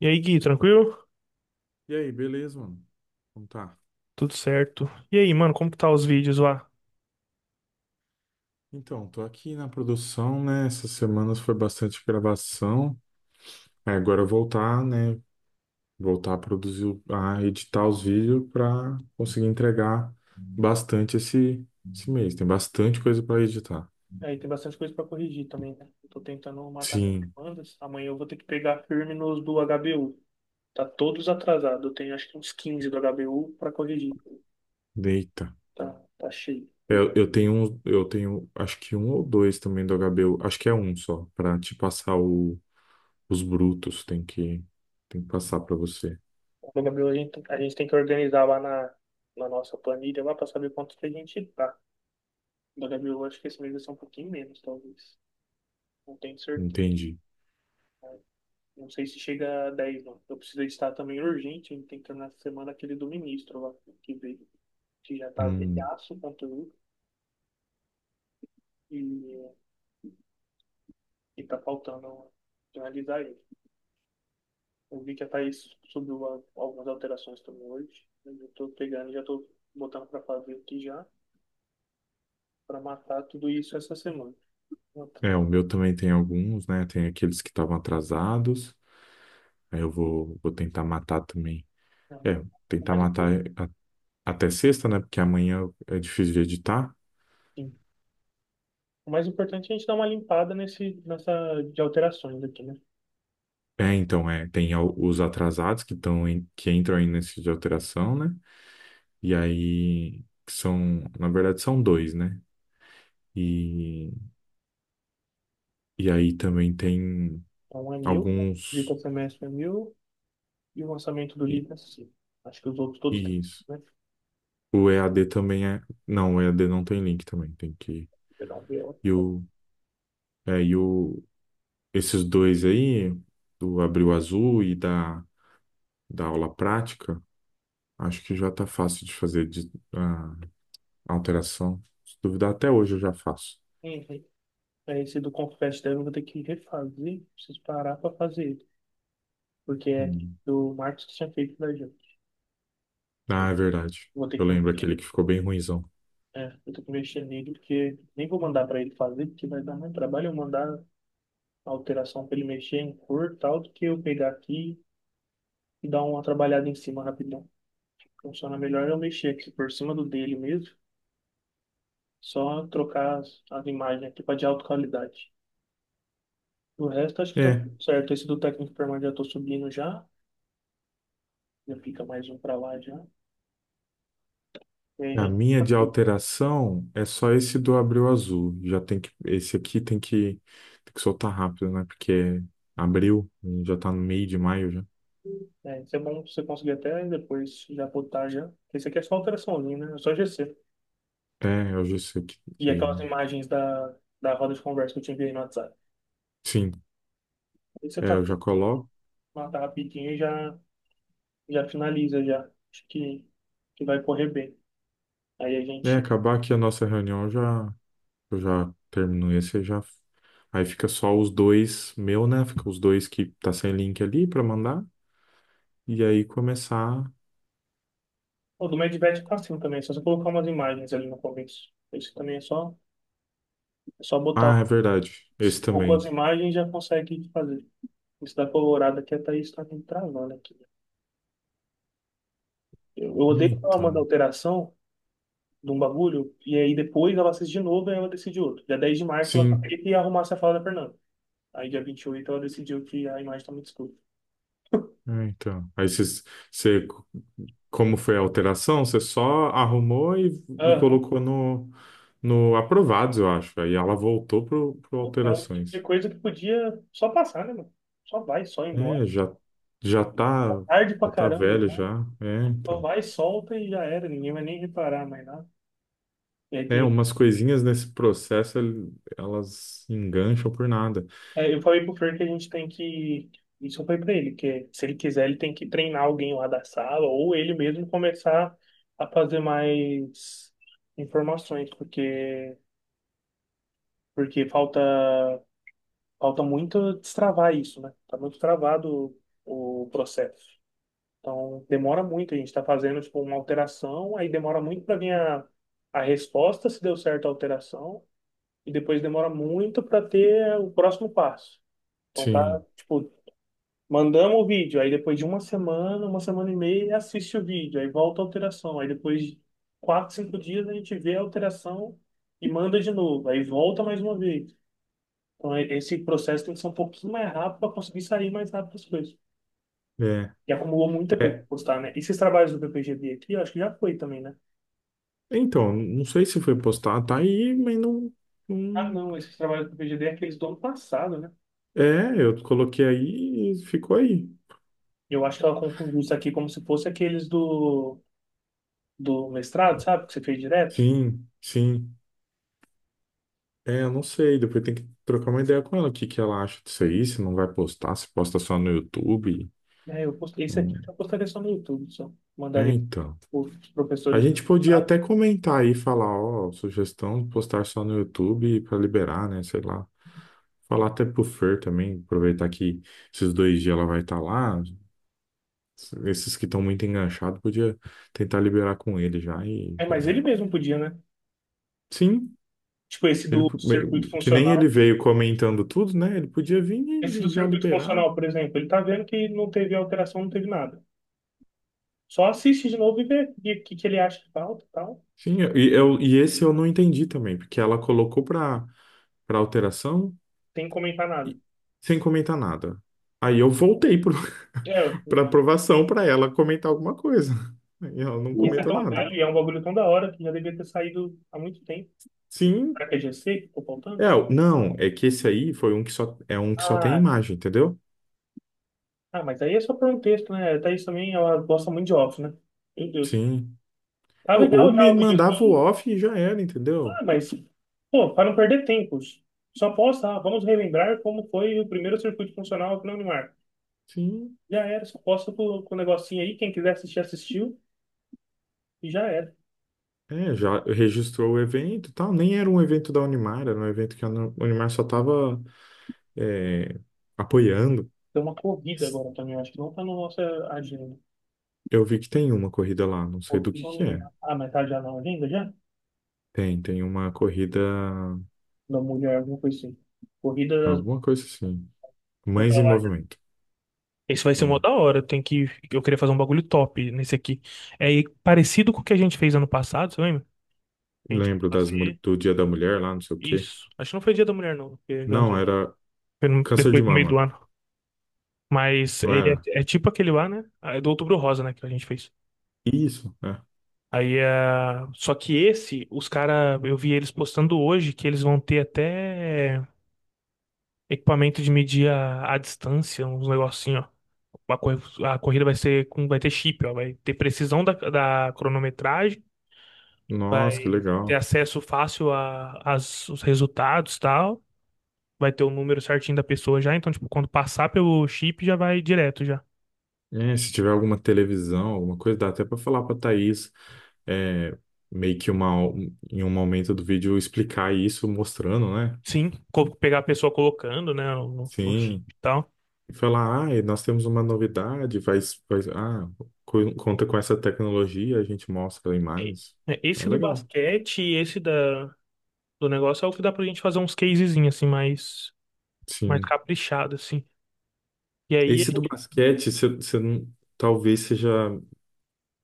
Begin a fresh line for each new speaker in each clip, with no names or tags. E aí, Gui, tranquilo?
E aí, beleza, mano? Então tá.
Tudo certo. E aí, mano, como que tá os vídeos lá?
Então, tô aqui na produção, né? Essas semanas foi bastante gravação. Aí agora voltar, né? Voltar a produzir, a editar os vídeos pra conseguir entregar bastante esse mês. Tem bastante coisa pra editar.
Aí tem bastante coisa para corrigir também, né? Eu tô tentando matar as
Sim,
demandas. Amanhã eu vou ter que pegar firme nos do HBU. Tá todos atrasados. Eu tenho acho que uns 15 do HBU para corrigir.
deita.
Tá, tá cheio. O
Eu tenho, acho que um ou dois também do HBO. Acho que é um só, pra te passar os brutos. Tem que passar pra você.
HBU a gente tem que organizar lá na nossa planilha lá para saber quanto que a gente tá. Do HBU acho que esse mês vai ser um pouquinho menos, talvez. Não tenho certeza.
Entendi.
Não sei se chega a 10, não. Eu preciso editar também urgente, a gente tem que terminar essa semana aquele do ministro lá, que veio, que já tá
Hum.
velhaço o conteúdo e, e tá faltando finalizar ele. Eu vi que a Thaís subiu algumas alterações também hoje, mas eu tô pegando, e já tô botando pra fazer aqui já, pra matar tudo isso essa semana. Então,
É, o meu também tem alguns, né? Tem aqueles que estavam atrasados. Aí eu vou tentar matar também.
é,
É,
O
tentar
mais,
matar
impor-
até sexta, né? Porque amanhã é difícil de editar.
sim. O mais importante é a gente dar uma limpada nesse, nessa de alterações aqui, né?
É, então, é, tem os atrasados que estão que entram aí nesse de alteração, né? E aí que são, na verdade, são dois, né? E, e aí também tem
Então um é mil, visita
alguns.
semestre é mil. E o lançamento do
E,
livro é assim. Acho que os outros todos
e
têm,
isso.
né?
O EAD também é. Não, o EAD não tem link também, tem que.
Pedal viola.
E o, e o, esses dois aí, do Abril Azul e da aula prática, acho que já tá fácil de fazer de, a alteração. Se duvidar, até hoje eu já faço.
Uhum. Aí esse do Confete dela eu vou ter que refazer, preciso parar pra fazer ele. Porque é
Hum.
do Marcos que tinha feito da gente. Eu
Ah, é verdade.
Vou ter
Eu
que,
lembro aquele que ficou bem ruinzão.
vou ter que mexer nele, porque nem vou mandar pra ele fazer, porque vai dar mais trabalho eu mandar a alteração pra ele mexer em cor e tal, do que eu pegar aqui e dar uma trabalhada em cima rapidão. Funciona melhor eu mexer aqui por cima do dele mesmo, só trocar as imagens aqui pra de alta qualidade. O resto acho que tá
É,
certo. Esse do técnico permanente já tô subindo já. Já fica mais um pra lá já. E aí a
a
gente
minha
tá
de
curto.
alteração é só esse do Abril Azul. Já tem que, esse aqui tem que soltar rápido, né? Porque é abril, já tá no meio de maio já.
É, isso é bom você conseguir até depois já botar já. Porque isso aqui é só alteraçãozinha, né? É só GC.
É, eu já sei que,
E
que...
aquelas imagens da roda de conversa que eu te enviei no WhatsApp.
Sim,
Aí você
é,
tá,
eu já coloco.
mata rapidinho e já finaliza já. Acho que vai correr bem. Aí a
É,
gente.
acabar aqui a nossa reunião eu já termino esse, eu já. Aí fica só os dois meu, né? Fica os dois que tá sem link ali pra mandar e aí começar.
O do Medvet é fácil também, é só você colocar umas imagens ali no começo. Isso também é só botar
Ah, é
um
verdade. Esse
pouco as
também.
imagens e já consegue fazer. Isso da colorada aqui, a Thaís tá me travando aqui. Eu odeio quando ela manda
Então.
alteração de um bagulho, e aí depois ela assiste de novo e ela decide outro. Dia 10 de março ela
Sim.
tem que arrumar essa fala da Fernanda. Aí dia 28 ela decidiu que a imagem tá muito escura.
É, então. Aí você, como foi a alteração, você só arrumou e
Aham.
colocou no aprovados, eu acho. Aí ela voltou pro
Então, é o tipo de
alterações.
coisa que podia só passar, né, mano? Só vai, só ir embora.
É, já tá
Tarde pra
já tá
caramba,
velho
né?
já. É,
Só
então.
vai, solta e já era. Ninguém vai nem reparar mais nada. E aí
É,
tem.
umas coisinhas nesse processo, elas engancham por nada.
É, eu falei pro Fer que a gente tem que. Isso eu falei pra ele, que se ele quiser, ele tem que treinar alguém lá da sala, ou ele mesmo começar a fazer mais informações, porque, porque falta muito destravar isso, né? Tá muito travado o processo. Então, demora muito, a gente tá fazendo, tipo, uma alteração, aí demora muito para vir a resposta, se deu certo a alteração, e depois demora muito para ter o próximo passo. Então, tá,
Sim,
tipo, mandamos o vídeo, aí depois de uma semana e meia, ele assiste o vídeo, aí volta a alteração. Aí depois de 4, 5 dias a gente vê a alteração e manda de novo, aí volta mais uma vez. Então esse processo tem que ser um pouquinho mais rápido para conseguir sair mais rápido as coisas.
é.
E acumulou muita coisa
É,
para postar, né? Esses trabalhos do PPGD aqui, eu acho que já foi também, né?
então, não sei se foi postado, tá aí, mas não,
Ah,
não...
não, esses trabalhos do PPGD é aqueles do ano passado, né?
É, eu coloquei aí e ficou aí.
Eu acho que ela confundiu isso aqui como se fosse aqueles do mestrado, sabe? Que você fez direto.
Sim, sim. É, eu não sei, depois tem que trocar uma ideia com ela, o que que ela acha disso aí, se não vai postar, se posta só no YouTube.
É, eu postei isso aqui,
Hum,
eu postaria só no YouTube, só
É,
mandaria
então.
os
A
professores.
gente podia até comentar aí, falar, ó, sugestão de postar só no YouTube pra liberar, né, sei lá. Falar até pro Fer também, aproveitar que esses dois dias ela vai estar lá. Esses que estão muito enganchados, podia tentar liberar com ele já e
É,
já
mas
era.
ele mesmo podia, né?
Sim,
Tipo, esse
ele,
do circuito
que nem ele
funcional.
veio comentando tudo, né? Ele podia vir e,
Esse do
e já
circuito
liberar.
funcional, por exemplo, ele tá vendo que não teve alteração, não teve nada. Só assiste de novo e vê o que, que ele acha que falta e tal.
Sim, e esse eu não entendi também, porque ela colocou para para alteração
Sem comentar nada.
e- sem comentar nada. Aí eu voltei para
É,
pra aprovação para ela comentar alguma coisa. E ela não
isso é
comentou
tão
nada.
velho e é um bagulho tão da hora que já devia ter saído há muito tempo.
Sim,
Será que é GC que ficou faltando?
é, não, é que esse aí foi um que só é um que só tem
Ah,
imagem, entendeu?
ah, mas aí é só para um texto, né? Thaís também, ela gosta muito de off, né? Meu Deus.
Sim.
Tá
Ou
legal já
me
o vídeo.
mandava o off e já era, entendeu?
Ah, mas, pô, para não perder tempo, só posta, ah, vamos relembrar como foi o primeiro circuito funcional aqui na Unimar.
Sim.
Já era, só posta com o negocinho aí, quem quiser assistir, assistiu, e já era.
É, já registrou o evento, e tal. Nem era um evento da Unimar, era um evento que a Unimar só tava é, apoiando.
Tem uma corrida agora também, acho que não tá na nossa agenda.
Eu vi que tem uma corrida lá, não sei do
Corrida da
que é.
Unimar. Ah, mas tá já na agenda já?
Tem uma corrida,
Da mulher, alguma coisa assim. Corrida das,
alguma coisa assim.
dessa
Mães em
larga.
Movimento.
Isso vai
Tá
ser uma
lá.
da hora. Tem que. Eu queria fazer um bagulho top nesse aqui. É parecido com o que a gente fez ano passado, você lembra? Que a gente foi
Lembro
fazer
do Dia da Mulher lá, não sei o quê.
isso. Acho que não foi Dia da Mulher, não,
Não, era
Foi no-
câncer de
depois do meio do
mama,
ano. Mas
não
ele
era?
é tipo aquele lá, né? Ah, é do Outubro Rosa, né? Que a gente fez.
Isso, é.
Aí é. Só que esse, os cara, eu vi eles postando hoje que eles vão ter até equipamento de medir a distância, uns negocinho, ó. Uma cor- A corrida vai ser com, vai ter chip, ó. Vai ter precisão da cronometragem,
Nossa, que
vai ter
legal.
acesso fácil a, as, os resultados e tal. Vai ter o número certinho da pessoa já. Então, tipo, quando passar pelo chip, já vai direto já.
É, se tiver alguma televisão, alguma coisa, dá até para falar para Thaís, é, meio que em um momento do vídeo explicar isso, mostrando, né?
Sim, pegar a pessoa colocando, né, no
Sim.
e tal.
E falar, ah, e nós temos uma novidade, vai, conta com essa tecnologia, a gente mostra imagens.
É,
É
esse do
legal.
basquete e esse da, do negócio é o que dá pra gente fazer uns casezinhos, assim, mais
Sim.
caprichado, assim. E aí,
Esse do basquete, você você não- talvez seja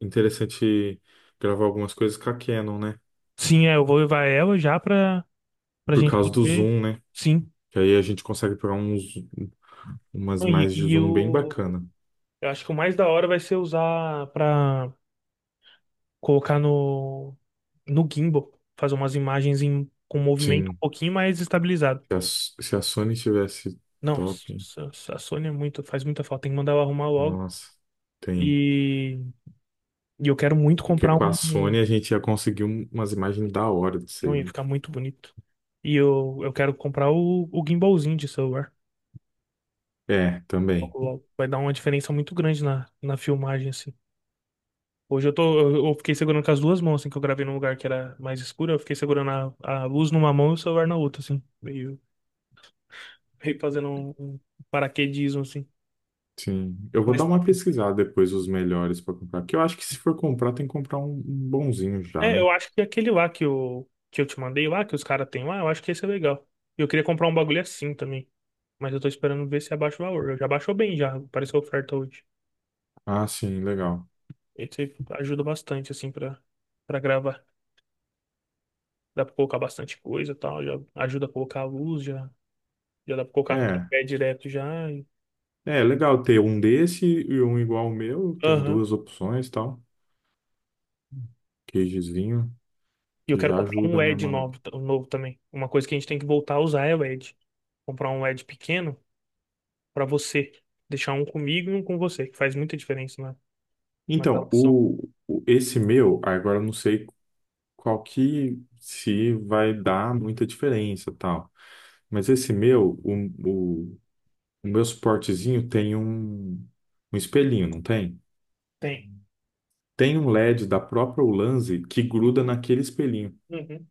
interessante gravar algumas coisas com a Canon, né?
sim, eu vou levar ela já pra, pra
Por
gente
causa do
poder,
zoom, né?
sim.
Que aí a gente consegue pegar umas
E,
mais de
e
zoom bem bacana.
eu acho que o mais da hora vai ser usar pra colocar no gimbal, fazer umas imagens com movimento um
Sim,
pouquinho mais estabilizado.
se a Sony tivesse top,
Nossa, a Sônia é muito, faz muita falta, tem que mandar ela arrumar logo.
nossa, tem.
E, e eu quero muito
Porque
comprar
com a
um.
Sony a gente ia conseguir umas imagens da hora disso
Não
aí,
ia
né?
ficar muito bonito. E eu quero comprar o gimbalzinho de celular.
É, também.
Logo, logo. Vai dar uma diferença muito grande na filmagem, assim. Hoje eu tô. Eu fiquei segurando com as duas mãos, assim, que eu gravei num lugar que era mais escuro. Eu fiquei segurando a luz numa mão e o celular na outra, assim. Meio, meio fazendo um paraquedismo, assim.
Sim, eu vou dar
Mas
uma pesquisada depois os melhores para comprar. Que eu acho que se for comprar, tem que comprar um bonzinho já,
é,
né?
eu acho que é aquele lá que eu te mandei lá, que os caras têm lá, eu acho que esse é legal. E eu queria comprar um bagulho assim também. Mas eu tô esperando ver se abaixa o valor. Já baixou bem, já. Apareceu oferta hoje.
Ah, sim, legal.
Esse ajuda bastante, assim, pra gravar. Dá pra colocar bastante coisa e tal. Já ajuda a colocar a luz, já dá pra colocar no
É,
tripé direto já.
é legal ter um desse e um igual ao meu. Tem
Aham.
duas opções, e tal. Queijezinho,
E eu
que
quero
já
comprar um
ajuda, né,
LED
mano?
novo, um novo também. Uma coisa que a gente tem que voltar a usar é LED. Comprar um LED pequeno pra você. Deixar um comigo e um com você, que faz muita diferença, né? Uma
Então,
gravação.
esse meu, agora eu não sei qual que se vai dar muita diferença, tal. Mas esse meu, o, o meu suportezinho tem um espelhinho, não tem?
Tem.
Tem um LED da própria Ulanzi que gruda
Uhum.
naquele espelhinho,
Uhum.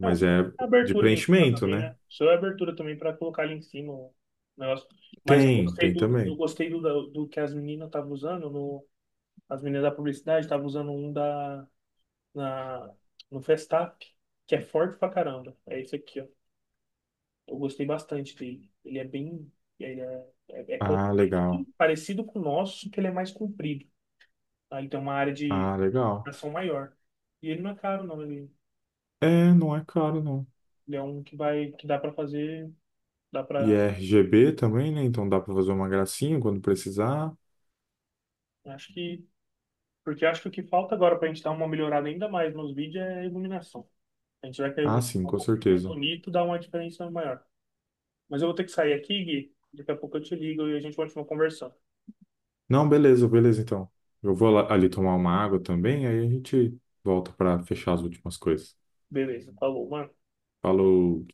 É, o som
é
é
de
abertura ali em cima
preenchimento,
também, né?
né?
O som é abertura também para colocar ali em cima o negócio. Mas eu
Tem,
gostei
tem
do, eu
também.
gostei do, do que as meninas estavam usando, no, as meninas da publicidade estavam usando um da, na, no Festap, que é forte pra caramba. É esse aqui, ó. Eu gostei bastante dele. Ele é bem. Ele é
Ah,
compacto,
legal.
parecido com o nosso, só que ele é mais comprido. Tá? Ele tem uma área de
Ah, legal.
ação maior. E ele não é caro, não. Ele
É, não é caro, não.
Ele é um que vai, que dá para fazer, dá
E
para,
é RGB também, né? Então dá pra fazer uma gracinha quando precisar.
acho que, porque acho que o que falta agora para a gente dar uma melhorada ainda mais nos vídeos é a iluminação. A gente vai querer
Ah,
um
sim, com
pouco mais
certeza.
bonito, dá uma diferença maior. Mas eu vou ter que sair aqui, Gui. Daqui a pouco eu te ligo e a gente continua conversando.
Não, beleza, beleza, então. Eu vou ali tomar uma água também, aí a gente volta para fechar as últimas coisas.
Beleza, falou, mano.
Falou.